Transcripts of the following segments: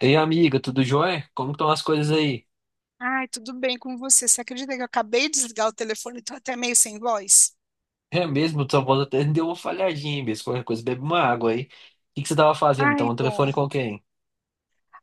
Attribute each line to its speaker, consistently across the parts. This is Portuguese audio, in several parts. Speaker 1: Ei, amiga, tudo jóia? Como estão as coisas aí?
Speaker 2: Ai, tudo bem com você? Você acredita que eu acabei de desligar o telefone e tô até meio sem voz?
Speaker 1: É mesmo, sua voz até deu uma falhadinha, mesmo. Qualquer coisa, bebe uma água aí. O que que você tava fazendo? Então,
Speaker 2: Ai,
Speaker 1: um
Speaker 2: boa.
Speaker 1: telefone com quem?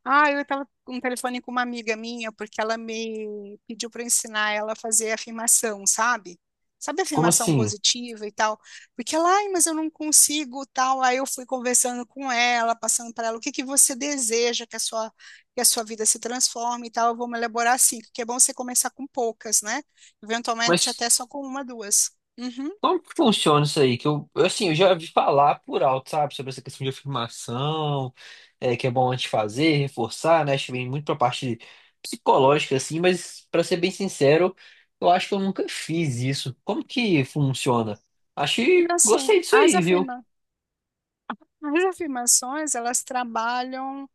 Speaker 2: Ai, eu tava com um telefone com uma amiga minha, porque ela me pediu para ensinar ela a fazer afirmação, sabe? Sabe
Speaker 1: Como
Speaker 2: afirmação
Speaker 1: assim?
Speaker 2: positiva e tal? Porque ela, ai, mas eu não consigo, tal. Aí eu fui conversando com ela, passando para ela o que que você deseja que a sua vida se transforme e tal. Eu vou me elaborar assim, porque é bom você começar com poucas, né? Eventualmente
Speaker 1: Mas
Speaker 2: até só com uma, duas. Uhum.
Speaker 1: como que funciona isso aí? Que eu assim, eu já vi falar por alto, sabe? Sobre essa questão de afirmação, que é bom antes de fazer, reforçar, né? Acho que vem muito pra parte psicológica, assim, mas pra ser bem sincero, eu acho que eu nunca fiz isso. Como que funciona? Acho que
Speaker 2: Então, assim,
Speaker 1: gostei disso aí, viu?
Speaker 2: as afirmações, elas trabalham,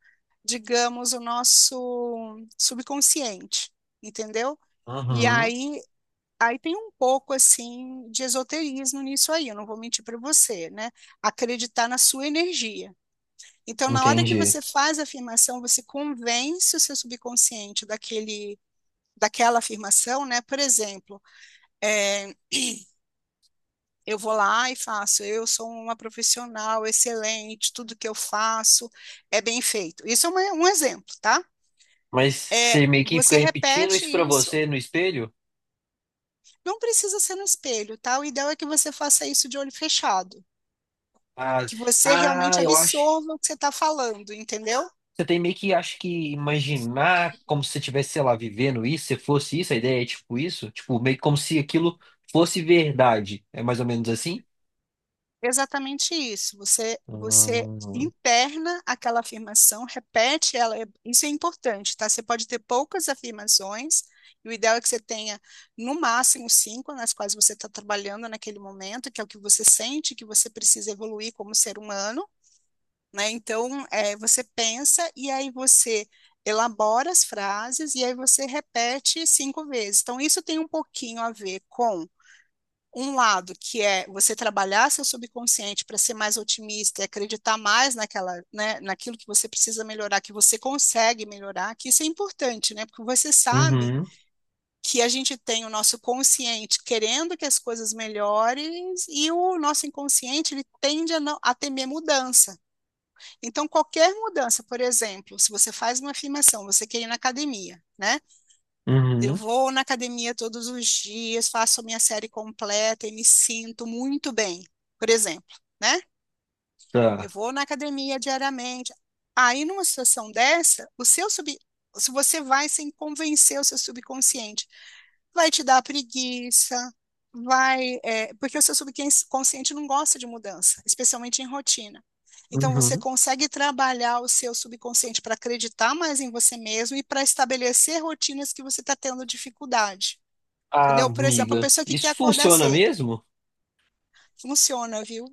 Speaker 2: digamos, o nosso subconsciente, entendeu? E
Speaker 1: Uhum,
Speaker 2: aí, aí tem um pouco, assim, de esoterismo nisso aí, eu não vou mentir para você, né? Acreditar na sua energia. Então, na hora que
Speaker 1: entendi.
Speaker 2: você faz a afirmação, você convence o seu subconsciente daquele, daquela afirmação, né? Por exemplo, é, eu vou lá e faço. Eu sou uma profissional excelente, tudo que eu faço é bem feito. Isso é um exemplo, tá?
Speaker 1: Mas
Speaker 2: É,
Speaker 1: você meio que fica
Speaker 2: você
Speaker 1: repetindo
Speaker 2: repete
Speaker 1: isso pra
Speaker 2: isso,
Speaker 1: você no espelho?
Speaker 2: não precisa ser no espelho, tá? O ideal é que você faça isso de olho fechado,
Speaker 1: Ah,
Speaker 2: que você realmente
Speaker 1: ah, eu acho.
Speaker 2: absorva o que você está falando, entendeu?
Speaker 1: Você tem meio que acho que imaginar como se você tivesse, sei lá, vivendo isso, se fosse isso, a ideia é tipo isso, tipo meio que como se aquilo fosse verdade. É mais ou menos assim?
Speaker 2: Exatamente isso. Você
Speaker 1: Hum,
Speaker 2: interna aquela afirmação, repete ela. Isso é importante, tá? Você pode ter poucas afirmações, e o ideal é que você tenha no máximo cinco nas quais você está trabalhando naquele momento, que é o que você sente que você precisa evoluir como ser humano, né? Então, você pensa e aí você elabora as frases e aí você repete cinco vezes. Então, isso tem um pouquinho a ver com um lado que é você trabalhar seu subconsciente para ser mais otimista e acreditar mais naquela, né, naquilo que você precisa melhorar, que você consegue melhorar, que isso é importante, né? Porque você sabe
Speaker 1: Uhum,
Speaker 2: que a gente tem o nosso consciente querendo que as coisas melhorem e o nosso inconsciente ele tende a, não, a temer mudança. Então qualquer mudança, por exemplo, se você faz uma afirmação, você quer ir na academia, né? Eu
Speaker 1: uhum,
Speaker 2: vou na academia todos os dias, faço a minha série completa e me sinto muito bem, por exemplo, né? Eu
Speaker 1: tá.
Speaker 2: vou na academia diariamente. Aí, numa situação dessa, se você vai sem convencer o seu subconsciente, vai te dar preguiça, vai. Porque o seu subconsciente não gosta de mudança, especialmente em rotina. Então, você
Speaker 1: Uhum.
Speaker 2: consegue trabalhar o seu subconsciente para acreditar mais em você mesmo e para estabelecer rotinas que você está tendo dificuldade.
Speaker 1: Ah,
Speaker 2: Entendeu? Por exemplo, a
Speaker 1: amiga,
Speaker 2: pessoa que quer
Speaker 1: isso
Speaker 2: acordar
Speaker 1: funciona
Speaker 2: cedo.
Speaker 1: mesmo?
Speaker 2: Funciona, viu?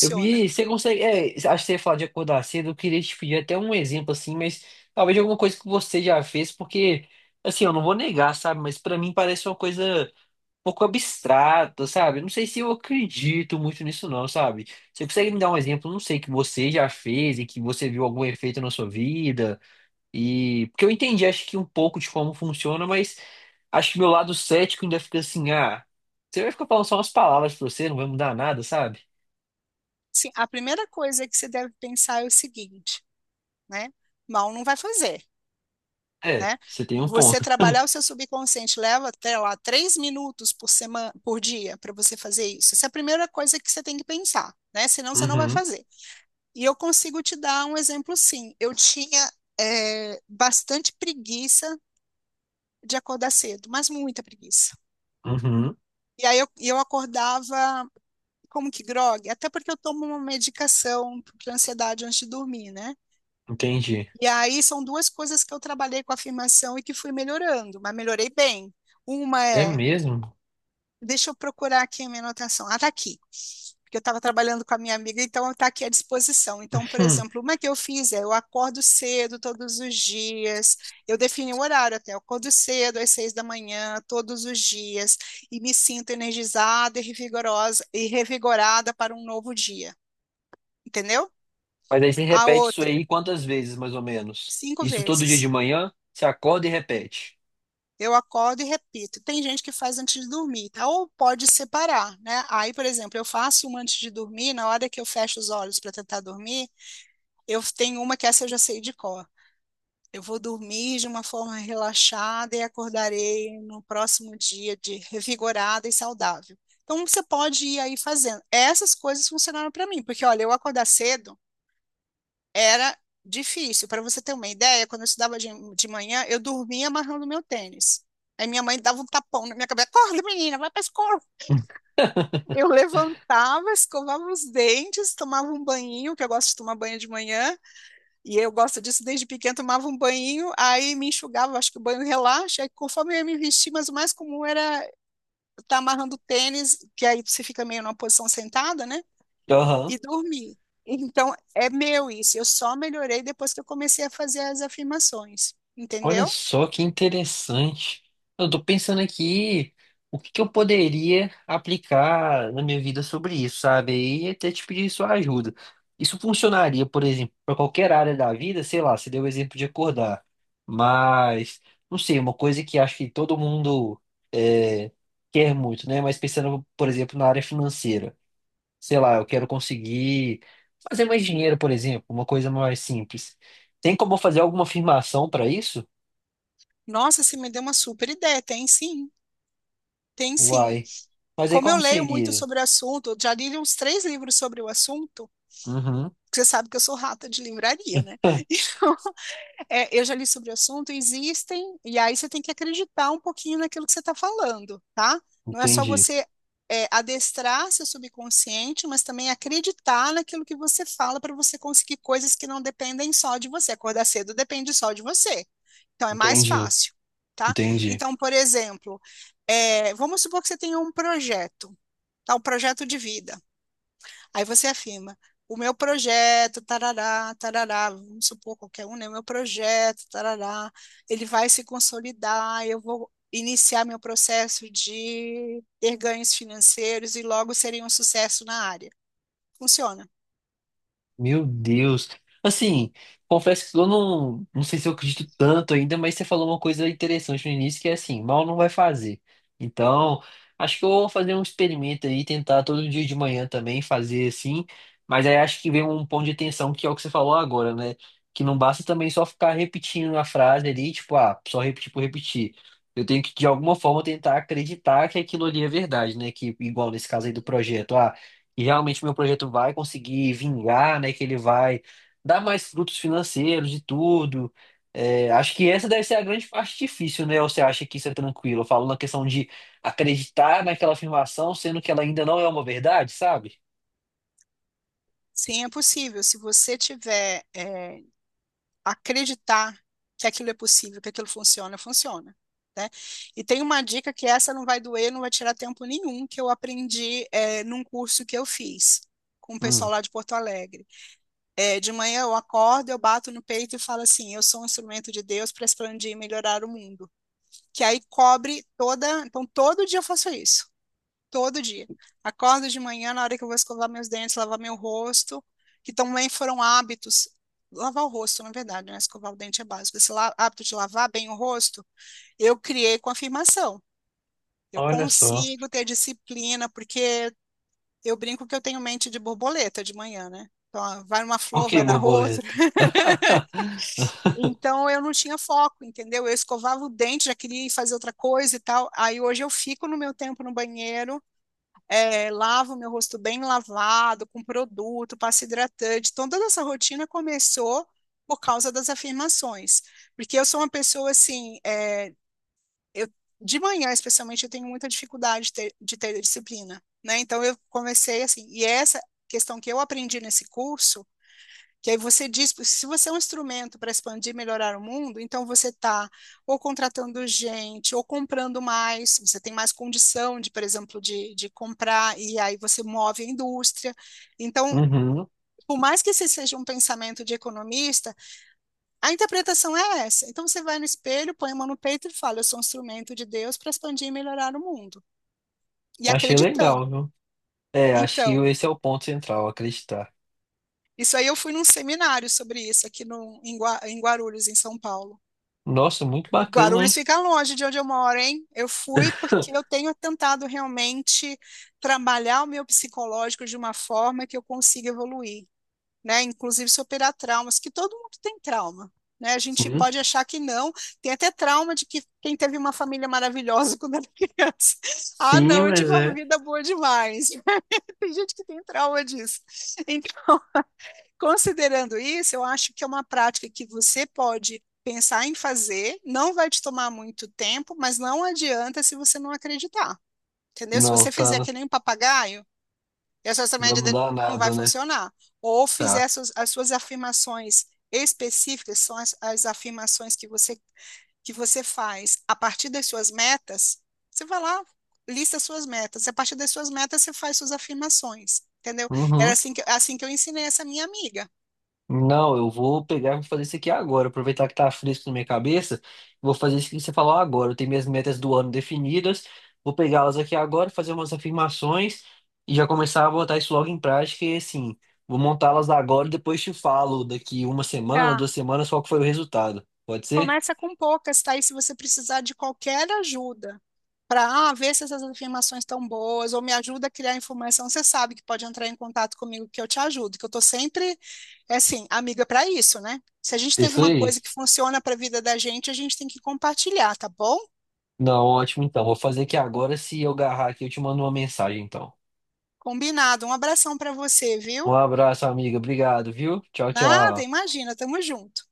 Speaker 1: Eu vi, você consegue. É, acho que você ia falar de acordar cedo. Eu queria te pedir até um exemplo assim, mas talvez alguma coisa que você já fez, porque, assim, eu não vou negar, sabe? Mas pra mim parece uma coisa um pouco abstrata, sabe? Eu não sei se eu acredito muito nisso, não, sabe? Você consegue me dar um exemplo, não sei, que você já fez e que você viu algum efeito na sua vida? E. Porque eu entendi, acho que um pouco de como funciona, mas acho que meu lado cético ainda fica assim, ah, você vai ficar falando só umas palavras pra você, não vai mudar nada, sabe?
Speaker 2: Sim, a primeira coisa que você deve pensar é o seguinte, né? Mal não vai fazer,
Speaker 1: É,
Speaker 2: né?
Speaker 1: você tem um
Speaker 2: Você
Speaker 1: ponto.
Speaker 2: trabalhar o seu subconsciente leva até lá 3 minutos por semana, por dia, para você fazer isso. Essa é a primeira coisa que você tem que pensar, né? Senão você não vai
Speaker 1: Uhum,
Speaker 2: fazer. E eu consigo te dar um exemplo, sim. Eu tinha bastante preguiça de acordar cedo, mas muita preguiça.
Speaker 1: uhum,
Speaker 2: E aí eu acordava como que grog? Até porque eu tomo uma medicação para ansiedade antes de dormir, né?
Speaker 1: entendi.
Speaker 2: E aí são duas coisas que eu trabalhei com afirmação e que fui melhorando, mas melhorei bem. Uma
Speaker 1: É
Speaker 2: é,
Speaker 1: mesmo?
Speaker 2: deixa eu procurar aqui a minha anotação. Ah, tá aqui. Porque eu estava trabalhando com a minha amiga, então está aqui à disposição. Então, por
Speaker 1: Uhum.
Speaker 2: exemplo, uma que eu fiz é: eu acordo cedo todos os dias, eu defini o horário até, eu acordo cedo às 6 da manhã, todos os dias, e me sinto energizada e revigorosa, e revigorada para um novo dia, entendeu?
Speaker 1: Mas aí você
Speaker 2: A
Speaker 1: repete isso
Speaker 2: outra,
Speaker 1: aí quantas vezes, mais ou menos?
Speaker 2: cinco
Speaker 1: Isso todo dia de
Speaker 2: vezes.
Speaker 1: manhã? Você acorda e repete.
Speaker 2: Eu acordo e repito. Tem gente que faz antes de dormir, tá? Ou pode separar, né? Aí, por exemplo, eu faço uma antes de dormir, na hora que eu fecho os olhos para tentar dormir, eu tenho uma que essa eu já sei de cor. Eu vou dormir de uma forma relaxada e acordarei no próximo dia de revigorada e saudável. Então, você pode ir aí fazendo. Essas coisas funcionaram para mim, porque olha, eu acordar cedo era difícil. Para você ter uma ideia, quando eu estudava de manhã, eu dormia amarrando meu tênis. Aí minha mãe dava um tapão na minha cabeça, acorda, menina, vai para a escola. Eu levantava, escovava os dentes, tomava um banhinho, que eu gosto de tomar banho de manhã, e eu gosto disso desde pequena, tomava um banho, aí me enxugava, acho que o banho relaxa, aí conforme eu ia me vestir, mas o mais comum era estar amarrando o tênis, que aí você fica meio numa posição sentada, né?
Speaker 1: Uhum.
Speaker 2: E dormi. Então, é meu isso. Eu só melhorei depois que eu comecei a fazer as afirmações,
Speaker 1: Olha
Speaker 2: entendeu?
Speaker 1: só que interessante. Eu tô pensando aqui o que que eu poderia aplicar na minha vida sobre isso, sabe? E até te pedir sua ajuda. Isso funcionaria, por exemplo, para qualquer área da vida, sei lá, você deu o exemplo de acordar. Mas, não sei, uma coisa que acho que todo mundo é, quer muito, né? Mas pensando, por exemplo, na área financeira. Sei lá, eu quero conseguir fazer mais dinheiro, por exemplo, uma coisa mais simples. Tem como eu fazer alguma afirmação para isso?
Speaker 2: Nossa, você me deu uma super ideia. Tem sim, tem sim.
Speaker 1: Uai. Mas aí
Speaker 2: Como eu
Speaker 1: como
Speaker 2: leio muito
Speaker 1: seria?
Speaker 2: sobre o assunto, eu já li uns três livros sobre o assunto.
Speaker 1: Uhum.
Speaker 2: Você sabe que eu sou rata de livraria, né? É, eu já li sobre o assunto, existem, e aí você tem que acreditar um pouquinho naquilo que você está falando, tá? Não é só
Speaker 1: Entendi,
Speaker 2: você adestrar seu subconsciente, mas também acreditar naquilo que você fala para você conseguir coisas que não dependem só de você. Acordar cedo depende só de você, então é mais
Speaker 1: entendi,
Speaker 2: fácil, tá?
Speaker 1: entendi.
Speaker 2: Então, por exemplo, vamos supor que você tenha um projeto, tá? Um projeto de vida. Aí você afirma, o meu projeto, tarará, tarará, vamos supor qualquer um, né? O meu projeto, tarará, ele vai se consolidar, eu vou iniciar meu processo de ter ganhos financeiros e logo serei um sucesso na área. Funciona.
Speaker 1: Meu Deus. Assim, confesso que eu não, não sei se eu acredito tanto ainda, mas você falou uma coisa interessante no início, que é assim, mal não vai fazer. Então, acho que eu vou fazer um experimento aí, tentar todo dia de manhã também fazer assim, mas aí acho que vem um ponto de atenção que é o que você falou agora, né? Que não basta também só ficar repetindo a frase ali, tipo, ah, só repetir por repetir. Eu tenho que, de alguma forma, tentar acreditar que aquilo ali é verdade, né? Que, igual nesse caso aí do
Speaker 2: Uhum.
Speaker 1: projeto, ah. E realmente meu projeto vai conseguir vingar, né? Que ele vai dar mais frutos financeiros e tudo. É, acho que essa deve ser a grande parte difícil, né? Ou você acha que isso é tranquilo? Eu falo na questão de acreditar naquela afirmação, sendo que ela ainda não é uma verdade, sabe?
Speaker 2: Sim, é possível. Se você tiver, acreditar que aquilo é possível, que aquilo funciona, funciona. Né? E tem uma dica que essa não vai doer, não vai tirar tempo nenhum, que eu aprendi num curso que eu fiz com o pessoal
Speaker 1: Hum,
Speaker 2: lá de Porto Alegre. É, de manhã eu acordo, eu bato no peito e falo assim: eu sou um instrumento de Deus para expandir e melhorar o mundo. Que aí cobre toda. Então, todo dia eu faço isso. Todo dia. Acordo de manhã, na hora que eu vou escovar meus dentes, lavar meu rosto, que também foram hábitos. Lavar o rosto, na verdade, né? Escovar o dente é básico. Hábito de lavar bem o rosto, eu criei com afirmação. Eu
Speaker 1: olha só.
Speaker 2: consigo ter disciplina, porque eu brinco que eu tenho mente de borboleta de manhã, né? Então, ah, vai numa
Speaker 1: Por
Speaker 2: flor,
Speaker 1: que
Speaker 2: vai na outra.
Speaker 1: borboleta?
Speaker 2: Então, eu não tinha foco, entendeu? Eu escovava o dente, já queria ir fazer outra coisa e tal. Aí, hoje, eu fico no meu tempo no banheiro, lavo meu rosto bem lavado, com produto, passa hidratante. Então, toda essa rotina começou por causa das afirmações. Porque eu sou uma pessoa assim, eu, de manhã, especialmente, eu tenho muita dificuldade de ter disciplina, né? Então, eu comecei assim, e essa questão que eu aprendi nesse curso que aí você diz, se você é um instrumento para expandir e melhorar o mundo, então você está ou contratando gente, ou comprando mais, você tem mais condição de, por exemplo, de comprar, e aí você move a indústria. Então,
Speaker 1: Uhum,
Speaker 2: por mais que esse seja um pensamento de economista, a interpretação é essa. Então você vai no espelho, põe a mão no peito e fala: eu sou um instrumento de Deus para expandir e melhorar o mundo. E
Speaker 1: achei
Speaker 2: acreditando.
Speaker 1: legal, viu? É, acho que
Speaker 2: Então,
Speaker 1: esse é o ponto central, acreditar.
Speaker 2: isso aí eu fui num seminário sobre isso aqui no, em Guarulhos, em São Paulo.
Speaker 1: Nossa, muito
Speaker 2: E
Speaker 1: bacana,
Speaker 2: Guarulhos
Speaker 1: hein?
Speaker 2: fica longe de onde eu moro, hein? Eu fui porque eu tenho tentado realmente trabalhar o meu psicológico de uma forma que eu consiga evoluir, né? Inclusive superar traumas, que todo mundo tem trauma, né? A gente
Speaker 1: Sim,
Speaker 2: pode achar que não, tem até trauma de que quem teve uma família maravilhosa quando era criança. Ah,
Speaker 1: sim,
Speaker 2: não, eu tive
Speaker 1: mas
Speaker 2: uma
Speaker 1: é.
Speaker 2: vida boa demais. Tem gente que tem trauma disso. Então, considerando isso, eu acho que é uma prática que você pode pensar em fazer, não vai te tomar muito tempo, mas não adianta se você não acreditar, entendeu? Se
Speaker 1: Não,
Speaker 2: você fizer
Speaker 1: tá.
Speaker 2: que nem um papagaio, e a sua
Speaker 1: Não vai
Speaker 2: média de-
Speaker 1: mudar
Speaker 2: não vai
Speaker 1: nada, né?
Speaker 2: funcionar. Ou fizer
Speaker 1: Tá.
Speaker 2: as suas afirmações específicas, são as afirmações que você faz a partir das suas metas, você vai lá, lista as suas metas, e a partir das suas metas você faz suas afirmações, entendeu? Era
Speaker 1: Uhum.
Speaker 2: assim que eu ensinei essa minha amiga.
Speaker 1: Não, eu vou pegar e vou fazer isso aqui agora. Aproveitar que tá fresco na minha cabeça, vou fazer isso que você falou agora. Eu tenho minhas metas do ano definidas, vou pegá-las aqui agora, fazer umas afirmações e já começar a botar isso logo em prática. E assim, vou montá-las agora e depois te falo daqui uma semana,
Speaker 2: Tá.
Speaker 1: duas semanas, qual que foi o resultado. Pode ser?
Speaker 2: Começa com poucas, tá? E se você precisar de qualquer ajuda para ver se essas afirmações estão boas ou me ajuda a criar informação, você sabe que pode entrar em contato comigo que eu te ajudo, que eu tô sempre, é assim, amiga para isso, né? Se a gente tem
Speaker 1: Isso
Speaker 2: alguma coisa
Speaker 1: aí.
Speaker 2: que funciona para a vida da gente, a gente tem que compartilhar, tá bom?
Speaker 1: Não, ótimo então. Vou fazer aqui agora. Se eu agarrar aqui, eu te mando uma mensagem então.
Speaker 2: Combinado. Um abração para você,
Speaker 1: Um
Speaker 2: viu?
Speaker 1: abraço, amiga. Obrigado, viu? Tchau,
Speaker 2: Nada,
Speaker 1: tchau.
Speaker 2: imagina, tamo junto.